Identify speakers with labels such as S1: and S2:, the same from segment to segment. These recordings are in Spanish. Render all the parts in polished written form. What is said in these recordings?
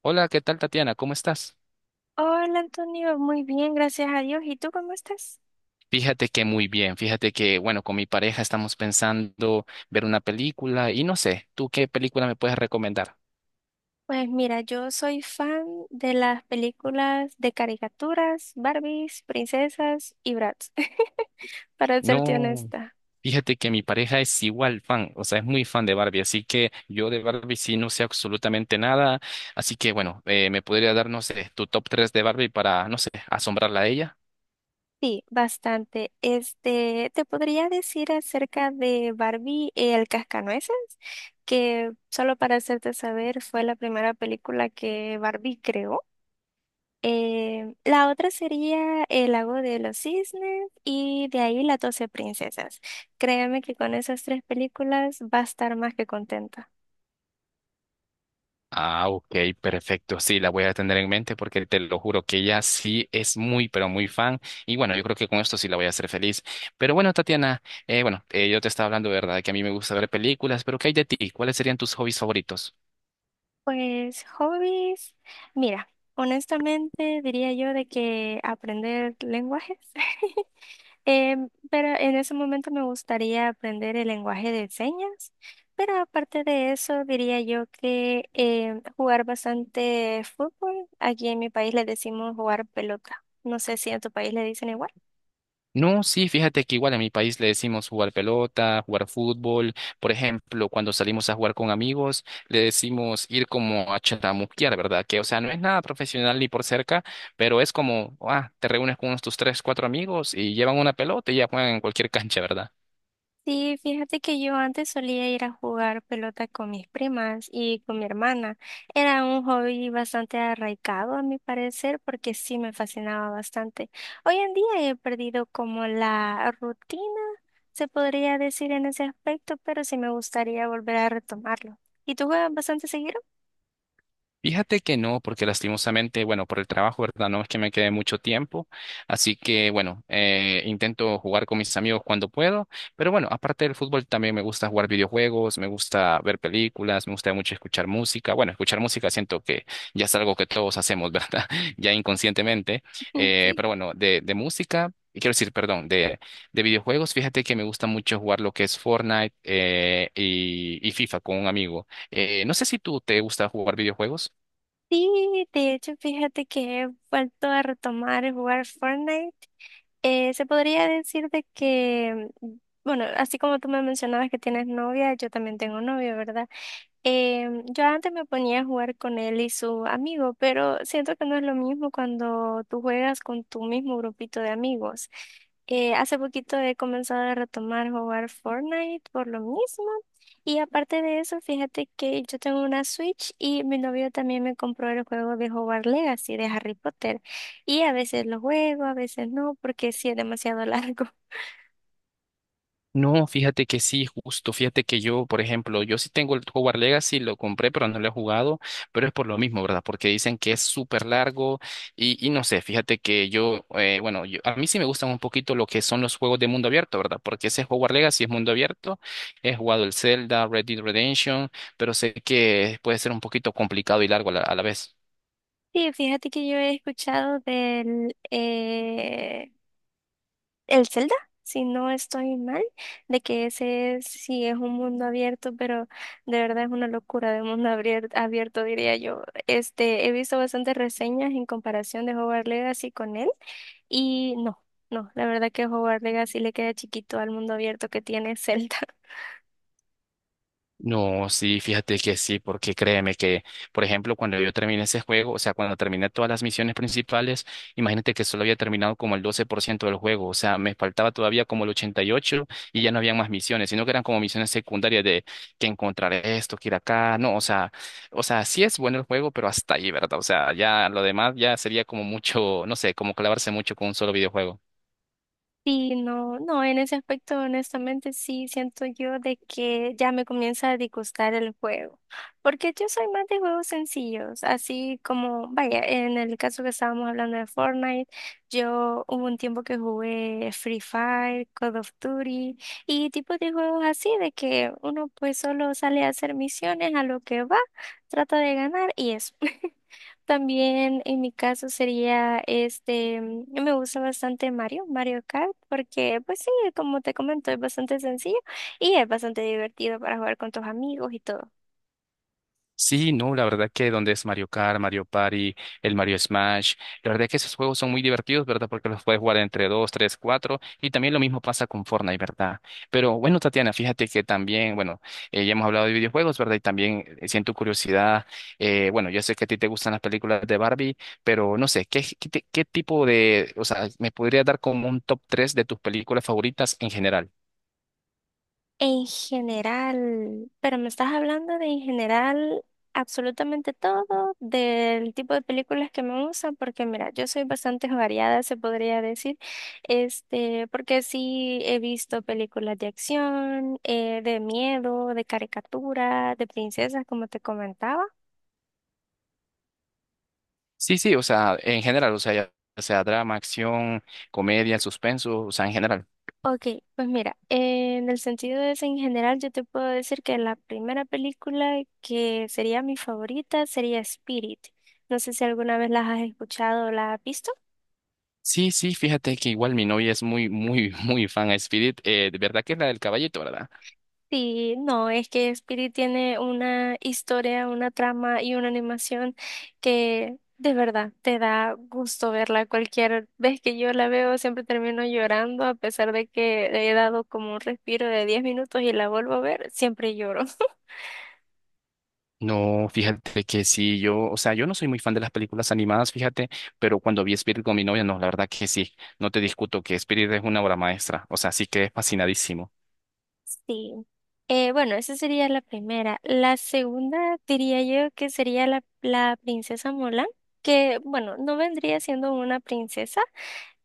S1: Hola, ¿qué tal, Tatiana? ¿Cómo estás?
S2: Hola Antonio, muy bien, gracias a Dios. ¿Y tú cómo estás?
S1: Fíjate que muy bien, fíjate que, bueno, con mi pareja estamos pensando ver una película y no sé, ¿tú qué película me puedes recomendar?
S2: Pues mira, yo soy fan de las películas de caricaturas, Barbies, princesas y Bratz, para serte
S1: No,
S2: honesta.
S1: fíjate que mi pareja es igual fan, o sea, es muy fan de Barbie, así que yo de Barbie sí no sé absolutamente nada, así que bueno, ¿me podría dar, no sé, tu top 3 de Barbie para, no sé, asombrarla a ella?
S2: Sí, bastante. Este, te podría decir acerca de Barbie el Cascanueces, que solo para hacerte saber fue la primera película que Barbie creó. La otra sería el lago de los cisnes y de ahí las 12 princesas. Créeme que con esas tres películas va a estar más que contenta.
S1: Ah, ok, perfecto. Sí, la voy a tener en mente porque te lo juro que ella sí es muy, pero muy fan. Y bueno, yo creo que con esto sí la voy a hacer feliz. Pero bueno, Tatiana, bueno, yo te estaba hablando, ¿verdad? Que a mí me gusta ver películas, pero ¿qué hay de ti? ¿Cuáles serían tus hobbies favoritos?
S2: Pues hobbies, mira, honestamente diría yo de que aprender lenguajes. Pero en ese momento me gustaría aprender el lenguaje de señas, pero aparte de eso diría yo que jugar bastante fútbol, aquí en mi país le decimos jugar pelota, no sé si en tu país le dicen igual.
S1: No, sí, fíjate que igual en mi país le decimos jugar pelota, jugar fútbol. Por ejemplo, cuando salimos a jugar con amigos, le decimos ir como a chatamuquear, ¿verdad? Que, o sea, no es nada profesional ni por cerca, pero es como, ah, te reúnes con unos tus tres, cuatro amigos y llevan una pelota y ya juegan en cualquier cancha, ¿verdad?
S2: Sí, fíjate que yo antes solía ir a jugar pelota con mis primas y con mi hermana. Era un hobby bastante arraigado, a mi parecer, porque sí me fascinaba bastante. Hoy en día he perdido como la rutina, se podría decir en ese aspecto, pero sí me gustaría volver a retomarlo. ¿Y tú juegas bastante seguido?
S1: Fíjate que no, porque lastimosamente, bueno, por el trabajo, ¿verdad? No es que me quede mucho tiempo, así que bueno, intento jugar con mis amigos cuando puedo, pero bueno, aparte del fútbol también me gusta jugar videojuegos, me gusta ver películas, me gusta mucho escuchar música, bueno, escuchar música siento que ya es algo que todos hacemos, ¿verdad? Ya inconscientemente,
S2: Sí.
S1: pero bueno, de música. Quiero decir, perdón, de videojuegos, fíjate que me gusta mucho jugar lo que es Fortnite, y FIFA con un amigo. No sé si tú te gusta jugar videojuegos.
S2: Sí, de hecho, fíjate que he vuelto a retomar el jugar Fortnite. Se podría decir bueno, así como tú me mencionabas que tienes novia, yo también tengo novio, ¿verdad? Yo antes me ponía a jugar con él y su amigo, pero siento que no es lo mismo cuando tú juegas con tu mismo grupito de amigos. Hace poquito he comenzado a retomar jugar Fortnite por lo mismo. Y aparte de eso, fíjate que yo tengo una Switch y mi novio también me compró el juego de jugar Legacy de Harry Potter. Y a veces lo juego, a veces no, porque sí es demasiado largo.
S1: No, fíjate que sí, justo. Fíjate que yo, por ejemplo, yo sí tengo el Hogwarts Legacy, lo compré, pero no lo he jugado, pero es por lo mismo, ¿verdad? Porque dicen que es súper largo y no sé, fíjate que a mí sí me gustan un poquito lo que son los juegos de mundo abierto, ¿verdad? Porque ese Hogwarts Legacy es mundo abierto, he jugado el Zelda, Red Dead Redemption, pero sé que puede ser un poquito complicado y largo a la vez.
S2: Sí, fíjate que yo he escuchado el Zelda, si no estoy mal, de que ese es, sí es un mundo abierto, pero de verdad es una locura de mundo abierto, diría yo. Este, he visto bastantes reseñas en comparación de Hogwarts Legacy con él y no, no, la verdad que Hogwarts Legacy le queda chiquito al mundo abierto que tiene Zelda.
S1: No, sí, fíjate que sí, porque créeme que, por ejemplo, cuando yo terminé ese juego, o sea, cuando terminé todas las misiones principales, imagínate que solo había terminado como el 12% del juego, o sea, me faltaba todavía como el 88% y 8% y ya no había más misiones, sino que eran como misiones secundarias de que encontrar esto, que ir acá, no, o sea, sí es bueno el juego, pero hasta ahí, ¿verdad? O sea, ya lo demás ya sería como mucho, no sé, como clavarse mucho con un solo videojuego.
S2: Sí, no, no, en ese aspecto, honestamente, sí siento yo de que ya me comienza a disgustar el juego, porque yo soy más de juegos sencillos, así como, vaya, en el caso que estábamos hablando de Fortnite, yo hubo un tiempo que jugué Free Fire, Call of Duty y tipos de juegos así de que uno pues solo sale a hacer misiones a lo que va, trata de ganar y eso. También en mi caso sería me gusta bastante Mario, Mario Kart, porque pues sí, como te comento, es bastante sencillo y es bastante divertido para jugar con tus amigos y todo.
S1: Sí, no, la verdad que donde es Mario Kart, Mario Party, el Mario Smash, la verdad que esos juegos son muy divertidos, ¿verdad? Porque los puedes jugar entre dos, tres, cuatro, y también lo mismo pasa con Fortnite, ¿verdad? Pero bueno, Tatiana, fíjate que también, bueno, ya hemos hablado de videojuegos, ¿verdad? Y también, siento curiosidad, bueno, yo sé que a ti te gustan las películas de Barbie, pero no sé, qué tipo de, o sea, me podría dar como un top tres de tus películas favoritas en general?
S2: En general, pero me estás hablando de en general absolutamente todo, del tipo de películas que me gustan, porque mira, yo soy bastante variada, se podría decir, este, porque sí he visto películas de acción, de miedo, de caricatura, de princesas, como te comentaba.
S1: Sí, sí, o sea, en general, o sea, ya sea drama, acción, comedia, suspenso, o sea, en general.
S2: Ok, pues mira, en el sentido de eso en general, yo te puedo decir que la primera película que sería mi favorita sería Spirit. No sé si alguna vez las has escuchado o las has visto.
S1: Sí, sí, fíjate que igual mi novia es muy, muy, muy fan a Spirit, de verdad que es la del caballito, ¿verdad?
S2: Sí, no, es que Spirit tiene una historia, una trama y una animación que de verdad te da gusto verla. Cualquier vez que yo la veo siempre termino llorando, a pesar de que le he dado como un respiro de 10 minutos y la vuelvo a ver, siempre lloro.
S1: No, fíjate que sí, yo, o sea, yo no soy muy fan de las películas animadas, fíjate, pero cuando vi Spirit con mi novia, no, la verdad que sí, no te discuto que Spirit es una obra maestra, o sea, sí que es fascinadísimo.
S2: Sí. Bueno, esa sería la primera. La segunda diría yo que sería la princesa Mulan, que bueno, no vendría siendo una princesa,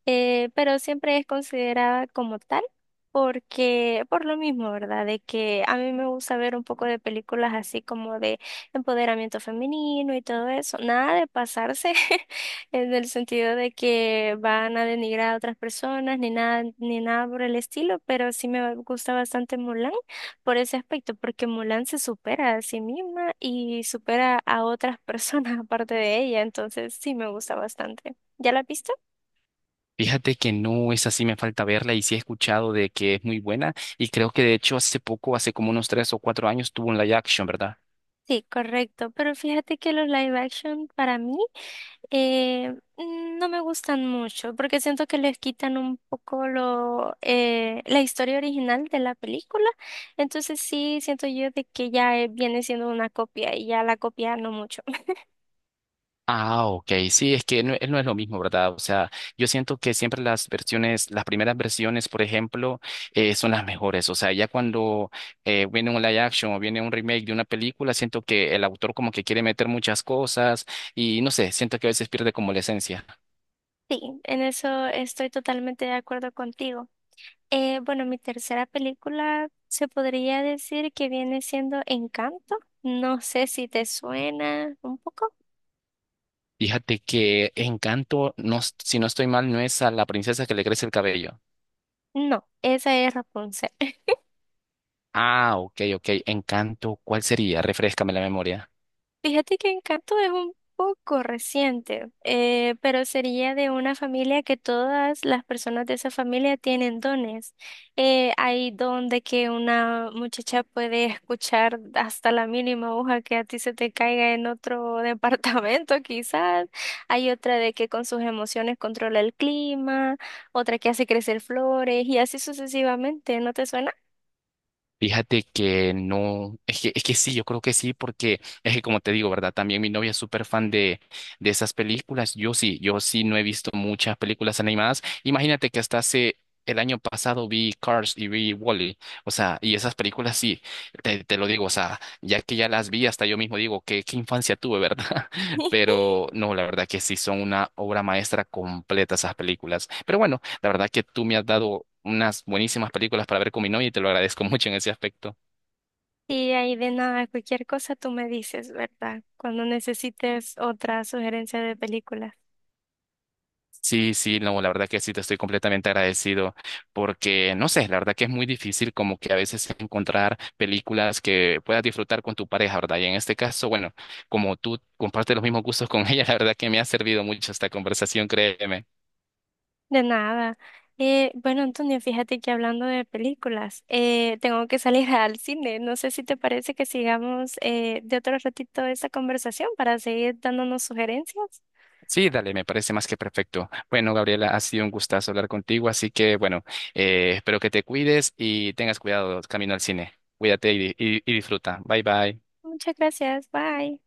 S2: pero siempre es considerada como tal, porque por lo mismo, ¿verdad? De que a mí me gusta ver un poco de películas así como de empoderamiento femenino y todo eso, nada de pasarse, en el sentido de que van a denigrar a otras personas, ni nada, ni nada por el estilo, pero sí me gusta bastante Mulan por ese aspecto, porque Mulan se supera a sí misma y supera a otras personas aparte de ella, entonces sí me gusta bastante. ¿Ya la viste?
S1: Fíjate que no es así, me falta verla y sí he escuchado de que es muy buena y creo que de hecho hace poco, hace como unos 3 o 4 años, tuvo un live action, ¿verdad?
S2: Sí, correcto, pero fíjate que los live action para mí eh, no me gustan mucho porque siento que les quitan un poco lo, la historia original de la película, entonces sí siento yo de que ya viene siendo una copia y ya la copia no mucho.
S1: Ah, ok, sí, es que no, no es lo mismo, ¿verdad? O sea, yo siento que siempre las versiones, las primeras versiones, por ejemplo, son las mejores. O sea, ya cuando, viene un live action o viene un remake de una película, siento que el autor como que quiere meter muchas cosas y no sé, siento que a veces pierde como la esencia.
S2: Sí, en eso estoy totalmente de acuerdo contigo. Bueno, mi tercera película se podría decir que viene siendo Encanto, no sé si te suena un poco.
S1: Fíjate que Encanto, no, si no estoy mal, no es a la princesa que le crece el cabello.
S2: No, esa es Rapunzel.
S1: Ah, ok, ok, Encanto, ¿cuál sería? Refréscame la memoria.
S2: Fíjate que Encanto es un poco reciente, pero sería de una familia que todas las personas de esa familia tienen dones. Hay don de que una muchacha puede escuchar hasta la mínima hoja que a ti se te caiga en otro departamento, quizás. Hay otra de que con sus emociones controla el clima, otra que hace crecer flores y así sucesivamente. ¿No te suena?
S1: Fíjate que no, es que sí, yo creo que sí, porque es que como te digo, ¿verdad? También mi novia es súper fan de esas películas. Yo sí no he visto muchas películas animadas. Imagínate que hasta hace el año pasado vi Cars y vi Wall-E. O sea, y esas películas sí, te lo digo, o sea, ya que ya las vi, hasta yo mismo digo, qué infancia tuve, ¿verdad? Pero no, la verdad que sí, son una obra maestra completa esas películas. Pero bueno. La verdad que tú me has dado unas buenísimas películas para ver con mi novia y te lo agradezco mucho en ese aspecto.
S2: Y ahí de nada, cualquier cosa tú me dices, ¿verdad? Cuando necesites otra sugerencia de películas.
S1: Sí, sí, no, la verdad que sí, te estoy completamente agradecido porque, no sé, la verdad que es muy difícil como que a veces encontrar películas que puedas disfrutar con tu pareja, ¿verdad? Y en este caso, bueno, como tú compartes los mismos gustos con ella, la verdad que me ha servido mucho esta conversación, créeme.
S2: De nada. Bueno, Antonio, fíjate que hablando de películas, tengo que salir al cine. No sé si te parece que sigamos de otro ratito esta conversación para seguir dándonos sugerencias.
S1: Sí, dale, me parece más que perfecto. Bueno, Gabriela, ha sido un gustazo hablar contigo, así que bueno, espero que te cuides y tengas cuidado camino al cine. Cuídate y disfruta. Bye bye.
S2: Muchas gracias. Bye.